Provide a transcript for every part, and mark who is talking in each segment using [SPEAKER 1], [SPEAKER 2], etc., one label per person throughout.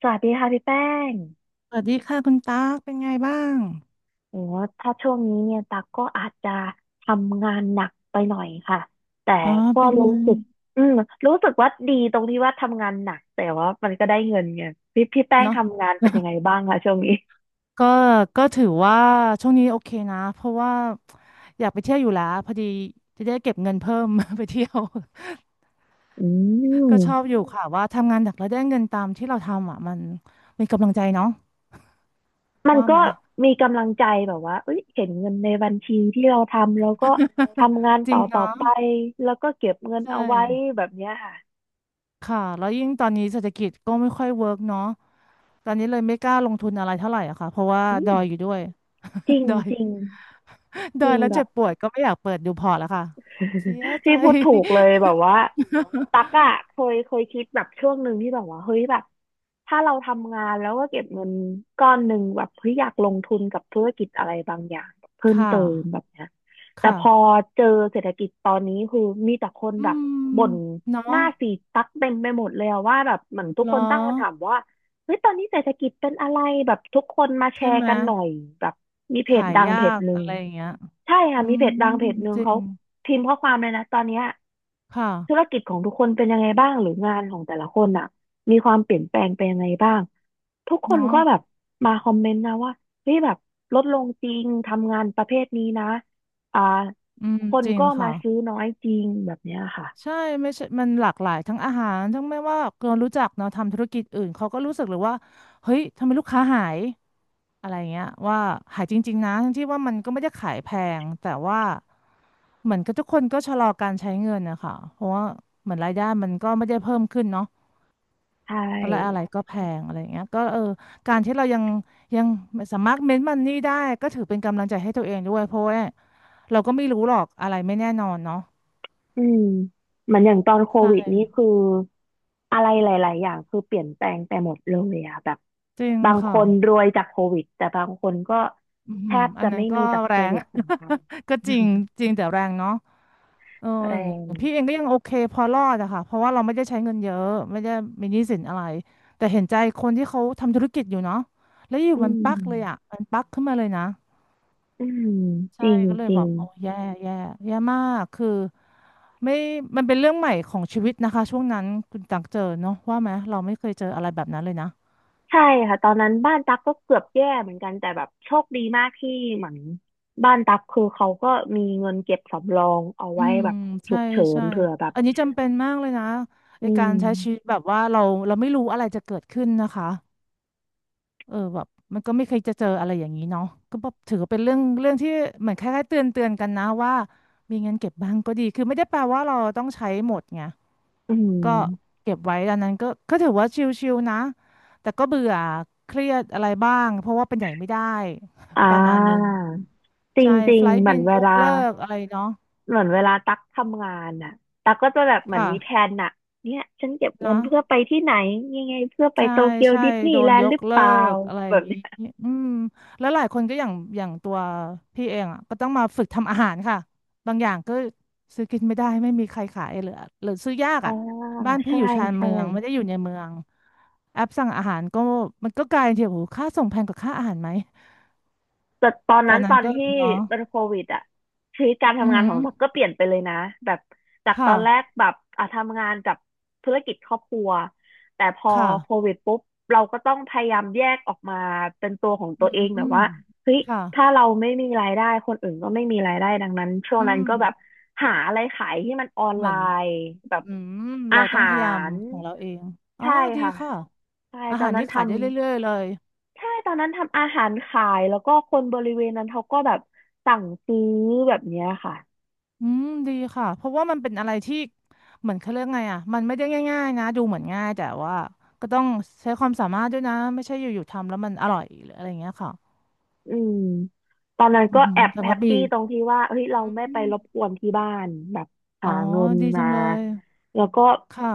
[SPEAKER 1] สวัสดีค่ะพี่แป้ง
[SPEAKER 2] สวัสดีค่ะคุณตากเป็นไงบ้าง
[SPEAKER 1] โอ้ถ้าช่วงนี้เนี่ยตักก็อาจจะทำงานหนักไปหน่อยค่ะแต่
[SPEAKER 2] อ๋อ
[SPEAKER 1] ก็
[SPEAKER 2] เป็น
[SPEAKER 1] รู้
[SPEAKER 2] ไง
[SPEAKER 1] สึกอืมรู้สึกว่าดีตรงที่ว่าทำงานหนักแต่ว่ามันก็ได้เงินไงพี่แป้ง
[SPEAKER 2] เนาะ
[SPEAKER 1] ทำงานเป็นยังไงบ้างคะช่วงนี้
[SPEAKER 2] ก็ก็ถือว่าช่วงนี้โอเคนะเพราะว่าอยากไปเที่ยวอยู่แล้วพอดีจะได้เก็บเงินเพิ่ม ไปเที่ยว
[SPEAKER 1] อื
[SPEAKER 2] ก็ชอบ
[SPEAKER 1] ม
[SPEAKER 2] อยู่ค่ะว่าทำงานหนักแล้วได้เงินตามที่เราทำอ่ะมันมีกำลังใจเนาะ
[SPEAKER 1] มัน
[SPEAKER 2] ว่า
[SPEAKER 1] ก็
[SPEAKER 2] ไหม
[SPEAKER 1] มีกำลังใจแบบว่าเอ้ยเห็นเงินในบัญชีที่เราทำแล้วก็ทำงาน
[SPEAKER 2] จริ
[SPEAKER 1] ต่อ
[SPEAKER 2] ง
[SPEAKER 1] ต่อ
[SPEAKER 2] เนาะ
[SPEAKER 1] ไปแล้วก็เก็บเงิน
[SPEAKER 2] ใช่
[SPEAKER 1] เอาไว้แบบเนี้ยค่ะ
[SPEAKER 2] ค่ะแล้วยิ่งตอนนี้เศรษฐกิจก็ไม่ค่อยเวิร์กเนาะตอนนี้เลยไม่กล้าลงทุนอะไรเท่าไหร่อะค่ะเพราะว่า
[SPEAKER 1] อื
[SPEAKER 2] ด
[SPEAKER 1] ม
[SPEAKER 2] อยอยู่ด้วย
[SPEAKER 1] จริง
[SPEAKER 2] ดอย
[SPEAKER 1] จริงจ
[SPEAKER 2] เดิ
[SPEAKER 1] ริ
[SPEAKER 2] น
[SPEAKER 1] ง
[SPEAKER 2] แล้ว
[SPEAKER 1] แบ
[SPEAKER 2] เจ็
[SPEAKER 1] บ
[SPEAKER 2] บปวดก็ไม่อยากเปิดดูพอร์ตแล้วค่ะ เสีย ใจ
[SPEAKER 1] พี่พูดถูกเลยแบบว่าตักอะเคยคิดแบบช่วงหนึ่งที่แบบว่าเฮ้ยแบบถ้าเราทำงานแล้วก็เก็บเงินก้อนหนึ่งแบบเฮ้ยอยากลงทุนกับธุรกิจอะไรบางอย่างเพิ่ ม
[SPEAKER 2] ค่
[SPEAKER 1] เติมแบ
[SPEAKER 2] ะ
[SPEAKER 1] บเนี้ยแต่
[SPEAKER 2] ค่ะ
[SPEAKER 1] พอเจอเศรษฐกิจตอนนี้คือมีแต่คน
[SPEAKER 2] อื
[SPEAKER 1] แบบ
[SPEAKER 2] ม
[SPEAKER 1] บ่นห
[SPEAKER 2] เนาะ
[SPEAKER 1] น้าสีดตักเต็มไปหมดเลยอะว่าแบบเหมือนทุก
[SPEAKER 2] เหร
[SPEAKER 1] ค
[SPEAKER 2] อ
[SPEAKER 1] นตั้งคำถามว่าเฮ้ยตอนนี้เศรษฐกิจเป็นอะไรแบบทุกคนมาแช
[SPEAKER 2] ใช่
[SPEAKER 1] ร์
[SPEAKER 2] ไหม
[SPEAKER 1] กันหน่อยแบบมีเพจ
[SPEAKER 2] ขาย
[SPEAKER 1] ดัง
[SPEAKER 2] ยา
[SPEAKER 1] เพจ
[SPEAKER 2] ก
[SPEAKER 1] หนึ่
[SPEAKER 2] อะ
[SPEAKER 1] ง
[SPEAKER 2] ไรอย่างเงี้ย
[SPEAKER 1] ใช่ค่ะ
[SPEAKER 2] อื
[SPEAKER 1] มีเพจ
[SPEAKER 2] ม
[SPEAKER 1] ดังเพจหนึ่ง
[SPEAKER 2] จริ
[SPEAKER 1] เขา
[SPEAKER 2] ง
[SPEAKER 1] พิมพ์ข้อความเลยนะตอนเนี้ย
[SPEAKER 2] ค่ะ
[SPEAKER 1] ธุรกิจของทุกคนเป็นยังไงบ้างหรืองานของแต่ละคนอ่ะมีความเปลี่ยนแปลงไปยังไงบ้างทุกคน
[SPEAKER 2] เนาะ
[SPEAKER 1] ก็แบบมาคอมเมนต์นะว่าเฮ้ยแบบลดลงจริงทำงานประเภทนี้นะอ่า
[SPEAKER 2] อืม
[SPEAKER 1] คน
[SPEAKER 2] จริง
[SPEAKER 1] ก็มา
[SPEAKER 2] ค่ะ
[SPEAKER 1] ซื้อน้อยจริงแบบเนี้ยค่ะ
[SPEAKER 2] ใช่ไม่ใช่มันหลากหลายทั้งอาหารทั้งไม่ว่าคนรู้จักเนาะทำธุรกิจอื่นเขาก็รู้สึกเลยว่าเฮ้ยทำไมลูกค้าหายอะไรเงี้ยว่าหายจริงๆนะทั้งที่ว่ามันก็ไม่ได้ขายแพงแต่ว่าเหมือนกับทุกคนก็ชะลอการใช้เงินนะคะเพราะว่าเหมือนรายได้มันก็ไม่ได้เพิ่มขึ้นเนาะ
[SPEAKER 1] ใช
[SPEAKER 2] ก็เลยอะไร
[SPEAKER 1] ่
[SPEAKER 2] ก็แพงอะไรเงี้ยก็เออการที่เรายังสามารถเม้นมันนี่ได้ก็ถือเป็นกำลังใจให้ตัวเองด้วยเพราะว่าเราก็ไม่รู้หรอกอะไรไม่แน่นอนเนาะ
[SPEAKER 1] อืมเหมือนอย่างตอนโควิด
[SPEAKER 2] ใช่
[SPEAKER 1] นี่คืออะไรหลายๆอย่างคือเปลี่ยนแปลงไปหมดเลยอะแบบ
[SPEAKER 2] จริง
[SPEAKER 1] บางค
[SPEAKER 2] ค่ะ
[SPEAKER 1] นรวยจากโควิดแต่บางคนก็
[SPEAKER 2] อือ
[SPEAKER 1] แท
[SPEAKER 2] หือ
[SPEAKER 1] บ
[SPEAKER 2] อั
[SPEAKER 1] จะ
[SPEAKER 2] นนั้
[SPEAKER 1] ไม่
[SPEAKER 2] นก็
[SPEAKER 1] มีจากโค
[SPEAKER 2] แรง
[SPEAKER 1] วิดเหมือนกัน
[SPEAKER 2] ก็
[SPEAKER 1] อื
[SPEAKER 2] จริ
[SPEAKER 1] ม
[SPEAKER 2] งจริงแต่แรงเนาะเออ
[SPEAKER 1] แร
[SPEAKER 2] อ
[SPEAKER 1] ง
[SPEAKER 2] ย่างพี่เองก็ยังโอเคพอรอดอะค่ะเพราะว่าเราไม่ได้ใช้เงินเยอะไม่ได้มีหนี้สินอะไรแต่เห็นใจคนที่เขาทำธุรกิจอยู่เนาะแล้วอยู่
[SPEAKER 1] อื
[SPEAKER 2] มัน
[SPEAKER 1] ม
[SPEAKER 2] ปักเลยอะมันปักขึ้นมาเลยนะ
[SPEAKER 1] อืมจ
[SPEAKER 2] ใช่
[SPEAKER 1] ริง
[SPEAKER 2] ก็เล
[SPEAKER 1] จ
[SPEAKER 2] ย
[SPEAKER 1] ริ
[SPEAKER 2] บอ
[SPEAKER 1] ง
[SPEAKER 2] กโอ้แย่แย่แย่มากคือไม่มันเป็นเรื่องใหม่ของชีวิตนะคะช่วงนั้นคุณตักเจอเนาะว่าไหมเราไม่เคยเจออะไรแบบนั้นเลยนะ
[SPEAKER 1] ใช่ค่ะตอนนั้นบ้านตั๊กก็เกือบแย่เหมือนกันแต่แบบโชคดีมากที่เหมือนบ้านตั๊กคือเขาก็มีเงินเก็บสำรองเอา
[SPEAKER 2] อื
[SPEAKER 1] ไว้
[SPEAKER 2] ม
[SPEAKER 1] แบบฉุ
[SPEAKER 2] ใช่
[SPEAKER 1] กเฉิน
[SPEAKER 2] ใช่
[SPEAKER 1] เผื่อแบบ
[SPEAKER 2] อันนี้จำเป็นมากเลยนะไอ
[SPEAKER 1] อื
[SPEAKER 2] การ
[SPEAKER 1] ม
[SPEAKER 2] ใช้ชีวิตแบบว่าเราไม่รู้อะไรจะเกิดขึ้นนะคะเออแบบมันก็ไม่เคยจะเจออะไรอย่างนี้เนาะก็แบบถือว่าเป็นเรื่องเรื่องที่เหมือนคล้ายๆเตือนเตือนกันนะว่ามีเงินเก็บบ้างก็ดีคือไม่ได้แปลว่าเราต้องใช้หมดไง
[SPEAKER 1] อื
[SPEAKER 2] ก็
[SPEAKER 1] ม
[SPEAKER 2] เก็บไว้ดังนั้นก็ถือว่าชิลๆนะแต่ก็เบื่อเครียดอะไรบ้างเพราะว่าเป็นใหญ่ไม่ได้
[SPEAKER 1] อ่า
[SPEAKER 2] ประมาณนึง
[SPEAKER 1] จร
[SPEAKER 2] ใช่
[SPEAKER 1] ิ
[SPEAKER 2] ไฟ
[SPEAKER 1] งๆ
[SPEAKER 2] ล์
[SPEAKER 1] เหมื
[SPEAKER 2] บิ
[SPEAKER 1] อน
[SPEAKER 2] น
[SPEAKER 1] เว
[SPEAKER 2] ยก
[SPEAKER 1] ลา
[SPEAKER 2] เลิกอะไรเนาะ
[SPEAKER 1] เหมือนเวลาตักทำงานอ่ะตักก็จะแบบเหมือน
[SPEAKER 2] ค่ะ
[SPEAKER 1] มีแผนอ่ะเนี่ยฉันเก็บเงิ
[SPEAKER 2] นะ
[SPEAKER 1] นเพื่อไปที่ไหน ยังไงเพื่อไป
[SPEAKER 2] ใช่
[SPEAKER 1] โตเกียว
[SPEAKER 2] ใช่
[SPEAKER 1] ดิสนี
[SPEAKER 2] โด
[SPEAKER 1] ย์แล
[SPEAKER 2] น
[SPEAKER 1] น
[SPEAKER 2] ย
[SPEAKER 1] ด์ห
[SPEAKER 2] ก
[SPEAKER 1] รือเป
[SPEAKER 2] เลิ
[SPEAKER 1] ล่า
[SPEAKER 2] กอะไรอ
[SPEAKER 1] แบ
[SPEAKER 2] ย่า
[SPEAKER 1] บ
[SPEAKER 2] งงี้
[SPEAKER 1] เนี้ย
[SPEAKER 2] อืมแล้วหลายคนก็อย่างอย่างตัวพี่เองอ่ะก็ต้องมาฝึกทำอาหารค่ะบางอย่างก็ซื้อกินไม่ได้ไม่มีใครขายเหลือหรือซื้อยาก
[SPEAKER 1] อ่า
[SPEAKER 2] อ่ะบ้านพี่
[SPEAKER 1] ใช่
[SPEAKER 2] อยู่ชาน
[SPEAKER 1] ใช่
[SPEAKER 2] เมืองไม่ได้อยู่ในเมืองแอปสั่งอาหารก็มันก็กลายเป็นที่โอ้โหค่าส่งแพงกว่าค่าอาหารไหม
[SPEAKER 1] แต่ตอน
[SPEAKER 2] ตอ
[SPEAKER 1] นั้
[SPEAKER 2] น
[SPEAKER 1] นต
[SPEAKER 2] นั้น
[SPEAKER 1] อน
[SPEAKER 2] ก็
[SPEAKER 1] ที่
[SPEAKER 2] เนาะ
[SPEAKER 1] เป็นโควิดอะชีวิตการ
[SPEAKER 2] อือ
[SPEAKER 1] ทำงาน
[SPEAKER 2] หื
[SPEAKER 1] ขอ
[SPEAKER 2] อ
[SPEAKER 1] งเราก็เปลี่ยนไปเลยนะแบบจากตอ
[SPEAKER 2] ค่ะ
[SPEAKER 1] นแรกแบบอ่ะทำงานกับธุรกิจครอบครัวแต่พอ
[SPEAKER 2] ค่ะ
[SPEAKER 1] โควิดปุ๊บเราก็ต้องพยายามแยกออกมาเป็นตัวของ
[SPEAKER 2] อื
[SPEAKER 1] ตัวเองแบบ
[SPEAKER 2] ม
[SPEAKER 1] ว่าเฮ้ย
[SPEAKER 2] ค่ะ
[SPEAKER 1] ถ้าเราไม่มีรายได้คนอื่นก็ไม่มีรายได้ดังนั้นช่วง
[SPEAKER 2] อื
[SPEAKER 1] นั้น
[SPEAKER 2] ม
[SPEAKER 1] ก็แบบหาอะไรขายที่มันออน
[SPEAKER 2] เห
[SPEAKER 1] ไล
[SPEAKER 2] มือน
[SPEAKER 1] น์แบบ
[SPEAKER 2] อืม
[SPEAKER 1] อา
[SPEAKER 2] เราต้อ
[SPEAKER 1] หา
[SPEAKER 2] งพยายาม
[SPEAKER 1] ร
[SPEAKER 2] ของเราเองอ๋อ
[SPEAKER 1] ใช่
[SPEAKER 2] ดี
[SPEAKER 1] ค่ะ
[SPEAKER 2] ค่ะ
[SPEAKER 1] ใช่
[SPEAKER 2] อา
[SPEAKER 1] ตอ
[SPEAKER 2] หา
[SPEAKER 1] น
[SPEAKER 2] ร
[SPEAKER 1] นั้
[SPEAKER 2] นี่
[SPEAKER 1] น
[SPEAKER 2] ขาย
[SPEAKER 1] ทำ
[SPEAKER 2] ได้เรื่อยๆเลย
[SPEAKER 1] ใช่ตอนนั้นทำอาหารขายแล้วก็คนบริเวณนั้นเขาก็แบบสั่งซื้อแบบเนี้ยค่ะ
[SPEAKER 2] อืมดีค่ะเพราะว่ามันเป็นอะไรที่เหมือนเขาเรียกไงอ่ะมันไม่ได้ง่ายๆนะดูเหมือนง่ายแต่ว่าก็ต้องใช้ความสามารถด้วยนะไม่ใช่อยู่ๆทำแล้วมันอร่อยหรืออะไรอย่างเงี้ยค่ะ
[SPEAKER 1] อืมตอนนั้น
[SPEAKER 2] อื
[SPEAKER 1] ก็
[SPEAKER 2] อหือ
[SPEAKER 1] แอบ
[SPEAKER 2] จัง
[SPEAKER 1] แฮ
[SPEAKER 2] กะ
[SPEAKER 1] ป
[SPEAKER 2] บี
[SPEAKER 1] ปี้ตรงที่ว่าเฮ้ยเราไม่
[SPEAKER 2] อื
[SPEAKER 1] ไป
[SPEAKER 2] ม
[SPEAKER 1] รบกวนที่บ้านแบบ
[SPEAKER 2] อ๋
[SPEAKER 1] หา
[SPEAKER 2] อ
[SPEAKER 1] เงิน
[SPEAKER 2] ดีจั
[SPEAKER 1] มา
[SPEAKER 2] งเลย
[SPEAKER 1] แล้วก็
[SPEAKER 2] ค่ะ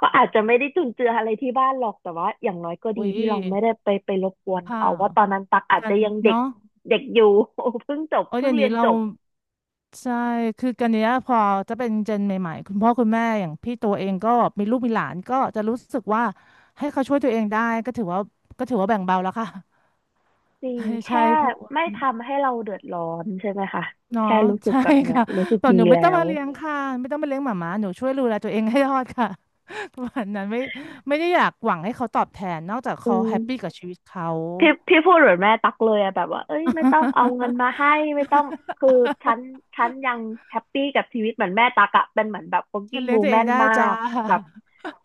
[SPEAKER 1] ก็อาจจะไม่ได้จุนเจืออะไรที่บ้านหรอกแต่ว่าอย่างน้อยก็
[SPEAKER 2] อุ๊
[SPEAKER 1] ดี
[SPEAKER 2] ย
[SPEAKER 1] ที่เราไม่ได้ไปไปรบกวน
[SPEAKER 2] ค่ะ
[SPEAKER 1] เขาว่าตอนนั้นตักอาจ
[SPEAKER 2] กั
[SPEAKER 1] จะ
[SPEAKER 2] น
[SPEAKER 1] ยังเด็ก
[SPEAKER 2] เนาะ
[SPEAKER 1] เด็กอยู่ เพิ่งจบ
[SPEAKER 2] โอ้ย
[SPEAKER 1] เพิ่
[SPEAKER 2] เดี๋
[SPEAKER 1] ง
[SPEAKER 2] ยว
[SPEAKER 1] เรี
[SPEAKER 2] นี้
[SPEAKER 1] ยน
[SPEAKER 2] เรา
[SPEAKER 1] จบ
[SPEAKER 2] ใช่คือกันเนี้ยพอจะเป็นเจนใหม่ๆคุณพ่อคุณแม่อย่างพี่ตัวเองก็มีลูกมีหลานก็จะรู้สึกว่าให้เขาช่วยตัวเองได้ก็ถือว่าก็ถือว่าแบ่งเบาแล้วค่ะ
[SPEAKER 1] จริ ง
[SPEAKER 2] ใช่ใช่
[SPEAKER 1] แค่
[SPEAKER 2] เพราะว่า
[SPEAKER 1] ไม่ทำให้เราเดือดร้อนใช่ไหมคะ
[SPEAKER 2] เนาะ
[SPEAKER 1] แค่รู้ สึก
[SPEAKER 2] ใช่
[SPEAKER 1] แบบเนี้ย
[SPEAKER 2] ค่ะ
[SPEAKER 1] รู้สึก
[SPEAKER 2] แบบ
[SPEAKER 1] ดี
[SPEAKER 2] หนูไม่
[SPEAKER 1] แล้
[SPEAKER 2] ต้อง
[SPEAKER 1] ว
[SPEAKER 2] มาเลี้ยงค่ะไม่ต้องมาเลี้ยงหมาหมาหนูช่วยดูแลตัวเองให้รอดค่ะ ประมาณนั้นไม่ได้อยากหวังให้เขาตอบแทนนอกจาก
[SPEAKER 1] อื
[SPEAKER 2] เขาแฮ
[SPEAKER 1] ม
[SPEAKER 2] ปปี้กับชีวิตเขา
[SPEAKER 1] พี่พูดเหมือนแม่ตักเลยอะแบบว่าเอ้ยไม่ต้องเอาเงินมาให้ ไม่ต้องคือฉันฉันยังแฮปปี้กับชีวิตเหมือนแม่ตักอะเป็นเหมือนแบบ
[SPEAKER 2] ฉัน
[SPEAKER 1] working
[SPEAKER 2] เลี้ยงตัวเอง
[SPEAKER 1] woman
[SPEAKER 2] ได้
[SPEAKER 1] มา
[SPEAKER 2] จ้า
[SPEAKER 1] กแบบ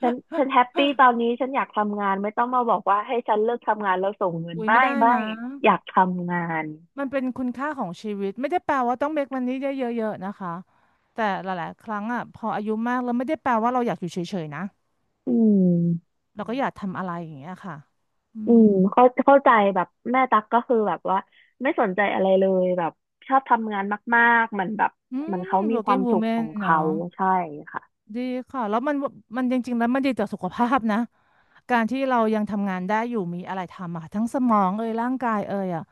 [SPEAKER 1] ฉันแฮปปี้ตอนนี้ฉันอยากทำงานไม่ต้องมาบอกว่าให้ฉันเลิกทำงานแล้วส่งเงิ น
[SPEAKER 2] อุ้ย
[SPEAKER 1] ไม่
[SPEAKER 2] ไม่ได้
[SPEAKER 1] ไม่
[SPEAKER 2] นะ
[SPEAKER 1] อยากทำงาน
[SPEAKER 2] มันเป็นคุณค่าของชีวิตไม่ได้แปลว่าต้องเมคมันนี่ได้เยอะๆนะคะแต่หลายๆครั้งอ่ะพออายุมากแล้วไม่ได้แปลว่าเราอยากอยู่เฉยๆนะ
[SPEAKER 1] อืม
[SPEAKER 2] เราก็อยากทำอะไรอย่างเงี้ยค่ะอื
[SPEAKER 1] อื
[SPEAKER 2] ม
[SPEAKER 1] มเข้าใจแบบแม่ตักก็คือแบบว่าไม่สนใจอะไรเลยแบบชอบทำงานมากๆมันแบบ
[SPEAKER 2] อื
[SPEAKER 1] มัน
[SPEAKER 2] ม
[SPEAKER 1] เขามีความ
[SPEAKER 2] working
[SPEAKER 1] สุขขอ
[SPEAKER 2] woman
[SPEAKER 1] งเขา
[SPEAKER 2] เนาะ
[SPEAKER 1] ใช่ค่ะ
[SPEAKER 2] ดีค่ะแล้วมันมันจริงๆแล้วมันดีต่อสุขภาพนะการที่เรายังทำงานได้อยู่มีอะไรทำอะทั้งสมองเอ่ยร่างกายเอ่ยอ่ะ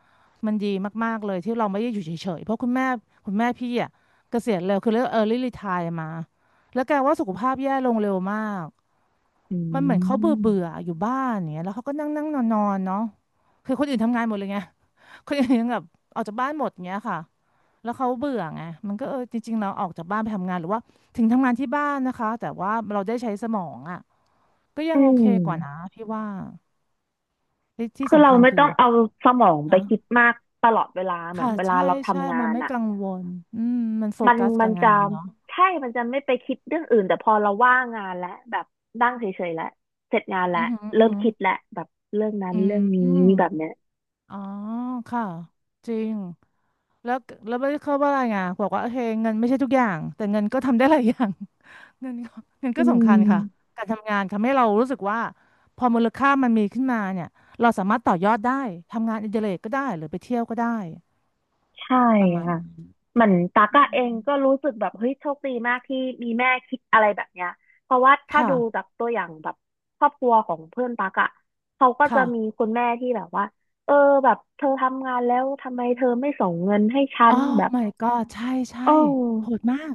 [SPEAKER 2] มันดีมากๆเลยที่เราไม่ได้อยู่เฉยๆเพราะคุณแม่พี่อ่ะเกษียณเร็วคือเรียก early retire มาแล้วแกว่าสุขภาพแย่ลงเร็วมาก
[SPEAKER 1] อื
[SPEAKER 2] มันเหมือนเขาเบื่อเบื่อ
[SPEAKER 1] ม
[SPEAKER 2] อยู่บ้านอย่างเงี้ยแล้วเขาก็นั่งนั่งนอนนอนเนาะคือคนอื่นทำงานหมดเลยไง คนอื่นยังแบบออกจากบ้านหมดเงี้ยค่ะแล้วเขาเบื่อไงมันก็เออจริงๆเราออกจากบ้านไปทำงานหรือว่าถึงทำงานที่บ้านนะคะแต่ว่าเราได้ใช้สมองอ่ะก็ยั
[SPEAKER 1] อื
[SPEAKER 2] งโอเค
[SPEAKER 1] ม
[SPEAKER 2] กว่านะพี่ว่าที่ที่
[SPEAKER 1] คือ
[SPEAKER 2] สำ
[SPEAKER 1] เรา
[SPEAKER 2] คัญ
[SPEAKER 1] ไม่
[SPEAKER 2] คื
[SPEAKER 1] ต้อ
[SPEAKER 2] อ
[SPEAKER 1] งเอาสมองไป
[SPEAKER 2] ฮะ
[SPEAKER 1] คิดมากตลอดเวลาเหมือน
[SPEAKER 2] ค่ะ
[SPEAKER 1] เวลา
[SPEAKER 2] ใช่
[SPEAKER 1] เรา
[SPEAKER 2] ใช่
[SPEAKER 1] ทำงา
[SPEAKER 2] มัน
[SPEAKER 1] น
[SPEAKER 2] ไม่
[SPEAKER 1] อ่ะ
[SPEAKER 2] กังวลอืมมันโฟ
[SPEAKER 1] มัน
[SPEAKER 2] กัส
[SPEAKER 1] มั
[SPEAKER 2] กับ
[SPEAKER 1] น
[SPEAKER 2] งา
[SPEAKER 1] จะ
[SPEAKER 2] นเนาะ
[SPEAKER 1] ใช่มันจะไม่ไปคิดเรื่องอื่นแต่พอเราว่างงานแล้วแบบนั่งเฉยๆแล้วเสร็จงานแล้ว
[SPEAKER 2] อือหืออื
[SPEAKER 1] เริ่
[SPEAKER 2] อ
[SPEAKER 1] ม
[SPEAKER 2] หือ
[SPEAKER 1] คิดแล้วแบบเรื่องนั้น
[SPEAKER 2] อืม
[SPEAKER 1] เรื่องนี้แบบเนี้ย
[SPEAKER 2] อ๋อค่ะจริงแล้วไม่เข้าว่าอะไรไงบอกว่าโอเคเงินไม่ใช่ทุกอย่างแต่เงินก็ทำได้หลายอย่าง เงินก็เงิน
[SPEAKER 1] อื
[SPEAKER 2] ก็สำคัญค่ะ
[SPEAKER 1] ม
[SPEAKER 2] การทำงานทำให้เรารู้สึกว่าพอมูลค่ามันมีขึ้นมาเนี่ยเราสามารถต่อยอดได้ทำงานอดิเรกก็ได้หรือไปเที่ยวก็ได้
[SPEAKER 1] ใช่
[SPEAKER 2] ประมาณ
[SPEAKER 1] ค่ะ
[SPEAKER 2] นี้
[SPEAKER 1] เหมือนตาก
[SPEAKER 2] อื
[SPEAKER 1] อะเอง
[SPEAKER 2] ม
[SPEAKER 1] ก็รู้สึกแบบเฮ้ยโชคดีมากที่มีแม่คิดอะไรแบบเนี้ยเพราะว่าถ้า
[SPEAKER 2] ค่ะ
[SPEAKER 1] ดูจากตัวอย่างแบบครอบครัวของเพื่อนตากอะเขาก็จะมี
[SPEAKER 2] ค่ะ
[SPEAKER 1] คุณแม่ที่แบบว่าเออแบบเธอทำงานแล้วทำไมเธอไม่ส่งเงินให้ฉั
[SPEAKER 2] อ๋อ
[SPEAKER 1] นแบบ
[SPEAKER 2] my god ใช่ใช่
[SPEAKER 1] เ
[SPEAKER 2] โห
[SPEAKER 1] ออ
[SPEAKER 2] ดมาก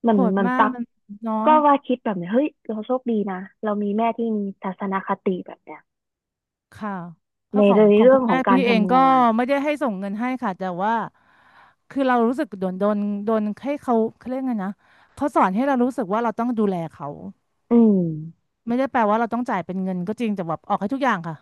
[SPEAKER 1] เหมือ
[SPEAKER 2] โห
[SPEAKER 1] น
[SPEAKER 2] ด
[SPEAKER 1] เหมือน
[SPEAKER 2] มาก
[SPEAKER 1] ตัก
[SPEAKER 2] มันเนาะ
[SPEAKER 1] ก็ว่าคิดแบบเนี้ยเฮ้ยเราโชคดีนะเรามีแม่ที่มีทัศนคติแบบเนี้ย
[SPEAKER 2] ค่ะเพ
[SPEAKER 1] ใน
[SPEAKER 2] ราะขอ
[SPEAKER 1] เร
[SPEAKER 2] งของ
[SPEAKER 1] ื่อ
[SPEAKER 2] คุ
[SPEAKER 1] ง
[SPEAKER 2] ณ
[SPEAKER 1] ขอ
[SPEAKER 2] แม่
[SPEAKER 1] งกา
[SPEAKER 2] พี่
[SPEAKER 1] ร
[SPEAKER 2] เอง
[SPEAKER 1] ทำ
[SPEAKER 2] ก็
[SPEAKER 1] งาน
[SPEAKER 2] ไม่ได้ให้ส่งเงินให้ค่ะแต่ว่าคือเรารู้สึกโดนโดนให้เขาเขาเรียกไงนะเขาสอนให้เรารู้สึกว่าเราต้องดูแลเขา
[SPEAKER 1] อืม
[SPEAKER 2] ไม่ได้แปลว่าเราต้องจ่ายเป็นเงินก็จริงแต่แบบออกให้ทุกอย่างค่ะ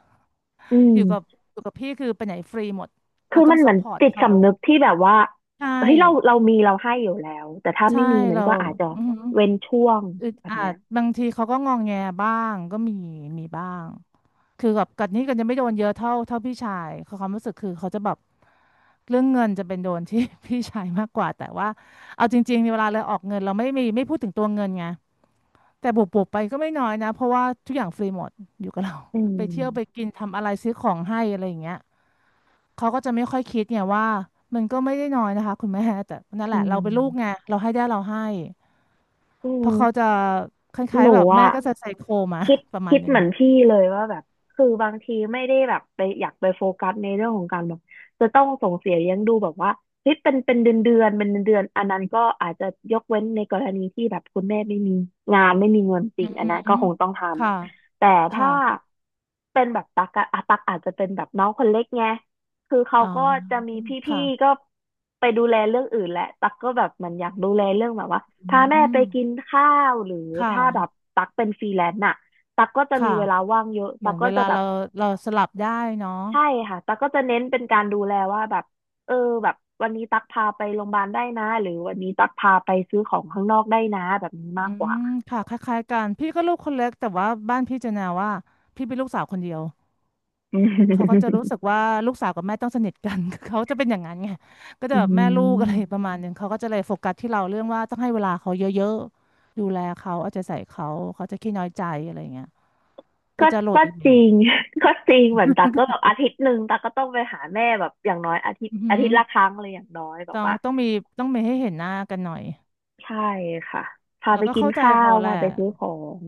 [SPEAKER 1] อื
[SPEAKER 2] อยู่กับ
[SPEAKER 1] ม
[SPEAKER 2] อยู่กับพี่คือไปไหนฟรีหมด
[SPEAKER 1] คื
[SPEAKER 2] เรา
[SPEAKER 1] อ
[SPEAKER 2] ต้อ
[SPEAKER 1] มัน
[SPEAKER 2] ง
[SPEAKER 1] เห
[SPEAKER 2] ซั
[SPEAKER 1] มือ
[SPEAKER 2] พ
[SPEAKER 1] น
[SPEAKER 2] พอร์ต
[SPEAKER 1] จิต
[SPEAKER 2] เขา
[SPEAKER 1] สำนึกที่แบบว่า
[SPEAKER 2] ใช่
[SPEAKER 1] เฮ้ยเรามีเราให้อยู่แล้วแต่ถ้า
[SPEAKER 2] ใช่
[SPEAKER 1] ไม่มีมัน
[SPEAKER 2] เรา
[SPEAKER 1] ก็อาจจะ
[SPEAKER 2] อือหือ
[SPEAKER 1] เว้นช่วง
[SPEAKER 2] อึด
[SPEAKER 1] แบบ
[SPEAKER 2] อั
[SPEAKER 1] เนี้
[SPEAKER 2] ด
[SPEAKER 1] ย
[SPEAKER 2] บางทีเขาก็งองแงบ้างก็มีมีบ้าง คือแบบกันนี่กันจะไม่โดนเยอะเท่าพี่ชายเขาความรู้สึกคือเขาจะแบบเรื่องเงินจะเป็นโดนที่ พี่ชายมากกว่าแต่ว่าเอาจริงๆเวลาเราออกเงินเราไม่มีไม่พูดถึงตัวเงินไงแต่บวกๆไปก็ไม่น้อยนะเพราะว่าทุกอย่างฟรีหมดอยู่กับเรา
[SPEAKER 1] อื
[SPEAKER 2] ไปเที่ยวไป
[SPEAKER 1] ม
[SPEAKER 2] กินทำอะไรซื้อของให้อะไรอย่างเงี้ยเขาก็จะไม่ค่อยคิดเนี่ยว่ามันก็ไม่ได้น้อยนะคะคุณแม่แต่นั่นแห
[SPEAKER 1] อื
[SPEAKER 2] ละเราเป็นลูกไง
[SPEAKER 1] ม
[SPEAKER 2] เราให้ได้เราให้
[SPEAKER 1] อื
[SPEAKER 2] เพราะเขา
[SPEAKER 1] ม
[SPEAKER 2] จะคล้า
[SPEAKER 1] ห
[SPEAKER 2] ย
[SPEAKER 1] นู
[SPEAKER 2] ๆแบบแม่
[SPEAKER 1] อ่ะ
[SPEAKER 2] ก็จะไซโคมา
[SPEAKER 1] คิด
[SPEAKER 2] ประมาณ
[SPEAKER 1] คิด
[SPEAKER 2] หนึง
[SPEAKER 1] เหมือนพี่เลยว่าแบบคือบางทีไม่ได้แบบไปอยากไปโฟกัสในเรื่องของการแบบจะต้องส่งเสียเลี้ยงดูแบบว่าเฮ้ยเป็นเดือนเดือนเป็นเดือนเดือนอันนั้นก็อาจจะยกเว้นในกรณีที่แบบคุณแม่ไม่มีงานไม่มีเงินจ
[SPEAKER 2] อื
[SPEAKER 1] ริงอันนั้น
[SPEAKER 2] ม
[SPEAKER 1] ก็คงต้องท
[SPEAKER 2] ค่ะ
[SPEAKER 1] ำแต่ถ้า
[SPEAKER 2] ค่ะ
[SPEAKER 1] เป็นแบบตักอาจจะเป็นแบบน้องคนเล็กไงคือเขา
[SPEAKER 2] อ๋อ
[SPEAKER 1] ก็จะมีพี่ๆ
[SPEAKER 2] ค่ะ
[SPEAKER 1] ก็ไปดูแลเรื่องอื่นแหละตักก็แบบมันอยากดูแลเรื่องแบบว่า
[SPEAKER 2] อื
[SPEAKER 1] พาแม่ไป
[SPEAKER 2] ม
[SPEAKER 1] กินข้าวหรือ
[SPEAKER 2] ค่ะ
[SPEAKER 1] ถ้าแบบตักเป็นฟรีแลนซ์น่ะ ตักก็จะมี
[SPEAKER 2] ค่ะ
[SPEAKER 1] เวลาว่างเยอะ
[SPEAKER 2] เห
[SPEAKER 1] ตั
[SPEAKER 2] มือ
[SPEAKER 1] ก
[SPEAKER 2] น
[SPEAKER 1] ก็
[SPEAKER 2] เว
[SPEAKER 1] จะ
[SPEAKER 2] ลา
[SPEAKER 1] แบบ
[SPEAKER 2] เราเราสลับได้เนาะ
[SPEAKER 1] ใช่ค่ะตักก็จะเน้นเป็นการดูแลว่าแบบเออแบบวันนี้ตักพาไปโรงพยาบาลได้นะหรือวันนี้ตักพาไปซื้อของข้างนอกได้นะแบบนี้มาก
[SPEAKER 2] อื
[SPEAKER 1] กว่า
[SPEAKER 2] ม ค่ะคล้ายๆกัน พี่ก็ลูกคนเล็กแต่ว่าบ้านพี่จะแนวว่าพี่เป็นลูกสาวคนเดียว
[SPEAKER 1] อื
[SPEAKER 2] เขาก็จะ
[SPEAKER 1] ม
[SPEAKER 2] รู้สึกว่าลูกสาวกับแม่ต้องสนิทกัน เขาจะเป็นอย่างนั้นไง ก็จะ
[SPEAKER 1] อื
[SPEAKER 2] แบบแม่ลูกอะไรประ
[SPEAKER 1] ม
[SPEAKER 2] มาณนึงเขาก็จะเลยโฟกัสที่เราเรื่องว่าต้องให้เวลาเขาเยอะๆดูแลเขาเอาใจใส่เขาเขาจะขี้น้อยใจอะไรอย่างเงี้ยก็
[SPEAKER 1] ก็
[SPEAKER 2] จะโหลด
[SPEAKER 1] ก็
[SPEAKER 2] อีกแบ
[SPEAKER 1] จริ
[SPEAKER 2] บ
[SPEAKER 1] ง ก็จริงเหมือนตักก็แบบอาทิตย์หนึ่งตักก็ต้องไปหาแม่แบบอย่างน้อยอาทิตย์
[SPEAKER 2] อือหื
[SPEAKER 1] อา
[SPEAKER 2] อ
[SPEAKER 1] ทิตย์ละครั้งเลยอย่างน้อยแบบ
[SPEAKER 2] ต้อง
[SPEAKER 1] ว่า
[SPEAKER 2] มีต้องมีให้เห็นหน้ากันหน่อย
[SPEAKER 1] ใช่ค่ะพา
[SPEAKER 2] แล้
[SPEAKER 1] ไป
[SPEAKER 2] วก็
[SPEAKER 1] กิน
[SPEAKER 2] เข้าใจ
[SPEAKER 1] ข้า
[SPEAKER 2] เขา
[SPEAKER 1] ว
[SPEAKER 2] แหละ
[SPEAKER 1] พาไปซื้อของ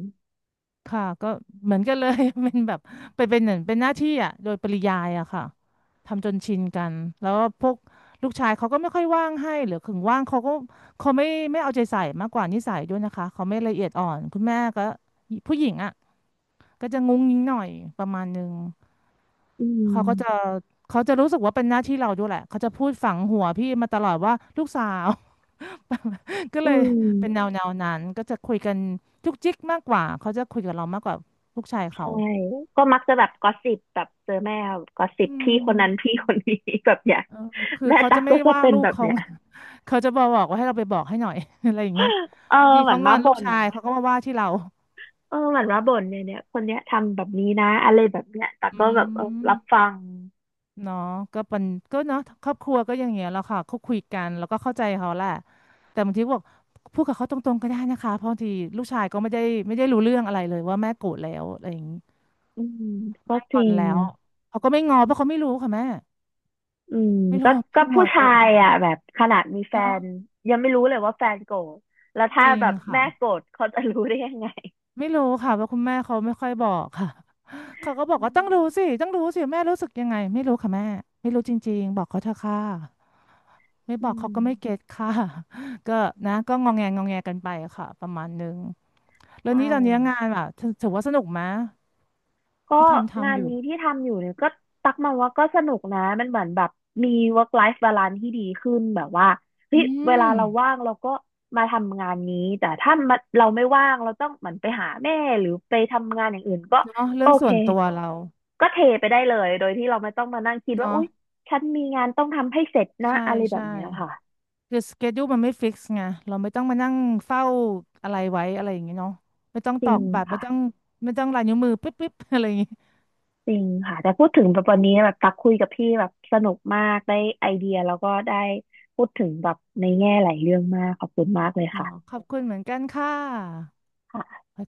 [SPEAKER 2] ค่ะ ก็เหมือนกันเลย เป็นแบบเป็นเหมือนเป็นหน้าที่อ่ะโดยปริยายอะค่ะทำจนชินกัน แล้วก็พวกลูกชายเขาก็ไม่ค่อยว่างให้หรือถึงว่างเขาก็เขาไม่เอาใจใส่มากกว่านิสัยด้วยนะคะ เขาไม่ละเอียดอ่อน คุณแม่ก็ผู้หญิงอ่ะก็จะงุ้งงิ้งหน่อยประมาณนึง
[SPEAKER 1] อื
[SPEAKER 2] เขาก็จะ
[SPEAKER 1] ม
[SPEAKER 2] เขาจะรู้สึกว่าเป็นหน้าที่เราด้วยแหละเขาจะพูดฝังหัวพี่มาตลอดว่าลูกสาว ก็
[SPEAKER 1] อื
[SPEAKER 2] เลยเป็นแน
[SPEAKER 1] ม
[SPEAKER 2] วนั้นก็จะคุยกันจุกจิกมากกว่าเขาจะคุยกับเรามากกว่าลูกชาย
[SPEAKER 1] ใช่
[SPEAKER 2] เขา
[SPEAKER 1] ก็มักจะแบบกอสซิปแบบเจอแม่กอสซิ
[SPEAKER 2] อื
[SPEAKER 1] ปพี่คนนั้น
[SPEAKER 2] ม
[SPEAKER 1] พี่คนนี้ แบบเนี้ย
[SPEAKER 2] เออคือ
[SPEAKER 1] แม่
[SPEAKER 2] เขา
[SPEAKER 1] ตั๊
[SPEAKER 2] จะ
[SPEAKER 1] ก
[SPEAKER 2] ไม่
[SPEAKER 1] ก็จะ
[SPEAKER 2] ว่า
[SPEAKER 1] เป็น
[SPEAKER 2] ลู
[SPEAKER 1] แบ
[SPEAKER 2] ก
[SPEAKER 1] บ
[SPEAKER 2] เขา
[SPEAKER 1] เนี้ย
[SPEAKER 2] เขาจะบอกว่าให้เราไปบอกให้หน่อย อะไรอย่างเงี้ย
[SPEAKER 1] เออ
[SPEAKER 2] บางที
[SPEAKER 1] เหมือ
[SPEAKER 2] เขา
[SPEAKER 1] น
[SPEAKER 2] ง
[SPEAKER 1] มา
[SPEAKER 2] อนลู
[SPEAKER 1] บ่
[SPEAKER 2] ก
[SPEAKER 1] น
[SPEAKER 2] ชายเขาก็มาว่าที่เรา
[SPEAKER 1] เออเหมือนมาบ่นเนี่ยเนี่ยคนเนี้ยทำแบบนี้นะอะไรแบบเนี้ยตั๊ก
[SPEAKER 2] อื
[SPEAKER 1] ก็แบบเออรับ
[SPEAKER 2] ม
[SPEAKER 1] ฟัง
[SPEAKER 2] เนาะก็เป็นก็เนาะครอบครัวก็อย่างเงี้ยแหล้วค่ะเขาคุยกันแล้วก็เข้าใจเขาแหละแต่บางทีก็บอกพูดกับเขาตรงๆก็ได้นะคะเพราะบางทีลูกชายก็ไม่ได้ไม่ได้รู้เรื่องอะไรเลยว่าแม่โกรธแล้วอะไรอย่างงี้
[SPEAKER 1] อืมก็
[SPEAKER 2] แม่
[SPEAKER 1] จ
[SPEAKER 2] งอ
[SPEAKER 1] ริ
[SPEAKER 2] น
[SPEAKER 1] ง
[SPEAKER 2] แล้วเขาก็ไม่งอเพราะเขาไม่รู้ค่ะแม่
[SPEAKER 1] อืม
[SPEAKER 2] ไม่รู้
[SPEAKER 1] ก็
[SPEAKER 2] ว่า
[SPEAKER 1] ก็
[SPEAKER 2] แม่ง
[SPEAKER 1] ผู้
[SPEAKER 2] อนเอ
[SPEAKER 1] ชา
[SPEAKER 2] อ
[SPEAKER 1] ยอ่ะแบบขนาดมีแฟ
[SPEAKER 2] เนาะ
[SPEAKER 1] นยังไม่รู้เลยว่าแฟนโกรธแล้วถ้า
[SPEAKER 2] จริ
[SPEAKER 1] แบ
[SPEAKER 2] ง
[SPEAKER 1] บแม่
[SPEAKER 2] ค่ะ
[SPEAKER 1] โกรธเขาจะรู้ได้ยังไง
[SPEAKER 2] ไม่รู้ค่ะเพราะคุณแม่เขาไม่ค่อยบอกค่ะ เขาก็บอก
[SPEAKER 1] อื
[SPEAKER 2] ว่าต้อ
[SPEAKER 1] ม
[SPEAKER 2] งรู้สิต้องรู้สิแม่รู้สึกยังไงไม่รู้ค่ะแม่ไม่รู้จริงๆบอกเขาเถอะค่ะ ไม่บ
[SPEAKER 1] อื
[SPEAKER 2] อกเขา
[SPEAKER 1] ม
[SPEAKER 2] ก็ไม่เก็ตค่ะ ก็นะก็งองแงงองแงกันไปค่ะประมาณนึงแล้ว
[SPEAKER 1] ใช่
[SPEAKER 2] นี้ตอนนี้งานแบบถือว่าสนุกไหม
[SPEAKER 1] ก็
[SPEAKER 2] ที่ทำ
[SPEAKER 1] งาน
[SPEAKER 2] อยู่
[SPEAKER 1] นี้ที่ทำอยู่เนี่ยก็ตักมาว่าก็สนุกนะมันเหมือนแบบมี work life balance ที่ดีขึ้นแบบว่าเฮ้
[SPEAKER 2] อื
[SPEAKER 1] ยเวลา
[SPEAKER 2] ม
[SPEAKER 1] เราว่างเราก็มาทำงานนี้แต่ถ้ามันเราไม่ว่างเราต้องเหมือนไปหาแม่หรือไปทำงานอย่างอื่นก็
[SPEAKER 2] เนาะ
[SPEAKER 1] โอ
[SPEAKER 2] เรื่อง
[SPEAKER 1] เค
[SPEAKER 2] ส่วนตัวเรา
[SPEAKER 1] ก็เทไปได้เลยโดยที่เราไม่ต้องมานั่งคิดว่า
[SPEAKER 2] เนาะ
[SPEAKER 1] อุ๊ยฉันมีงานต้องทำให้เสร็จนะ
[SPEAKER 2] ใช่
[SPEAKER 1] อะไรแบ
[SPEAKER 2] ใช่
[SPEAKER 1] บเนี้ยค่ะ
[SPEAKER 2] คือสเกดูมันไม่ฟิกซ์ไงเราไม่ต้องมานั่งเฝ้าอะไรไว้อะไรอย่างเงี้ยเนาะไม่ต้อง
[SPEAKER 1] จ
[SPEAKER 2] ต
[SPEAKER 1] ริ
[SPEAKER 2] อก
[SPEAKER 1] ง
[SPEAKER 2] บัตรไม่
[SPEAKER 1] ค่ะ
[SPEAKER 2] ต้องไม่ต้องลายนิ้วมือปิ๊บปิ๊บ อะไรอย่างงี้
[SPEAKER 1] จริงค่ะแต่พูดถึงแบบวันนี้แบบตักคุยกับพี่แบบสนุกมากได้ไอเดียแล้วก็ได้พูดถึงแบบในแง่หลายเรื่องมากขอบคุณมากเลย
[SPEAKER 2] เนาะ
[SPEAKER 1] ค่ะ
[SPEAKER 2] ขอบคุณเหมือนกันค่ะ
[SPEAKER 1] ค่ะ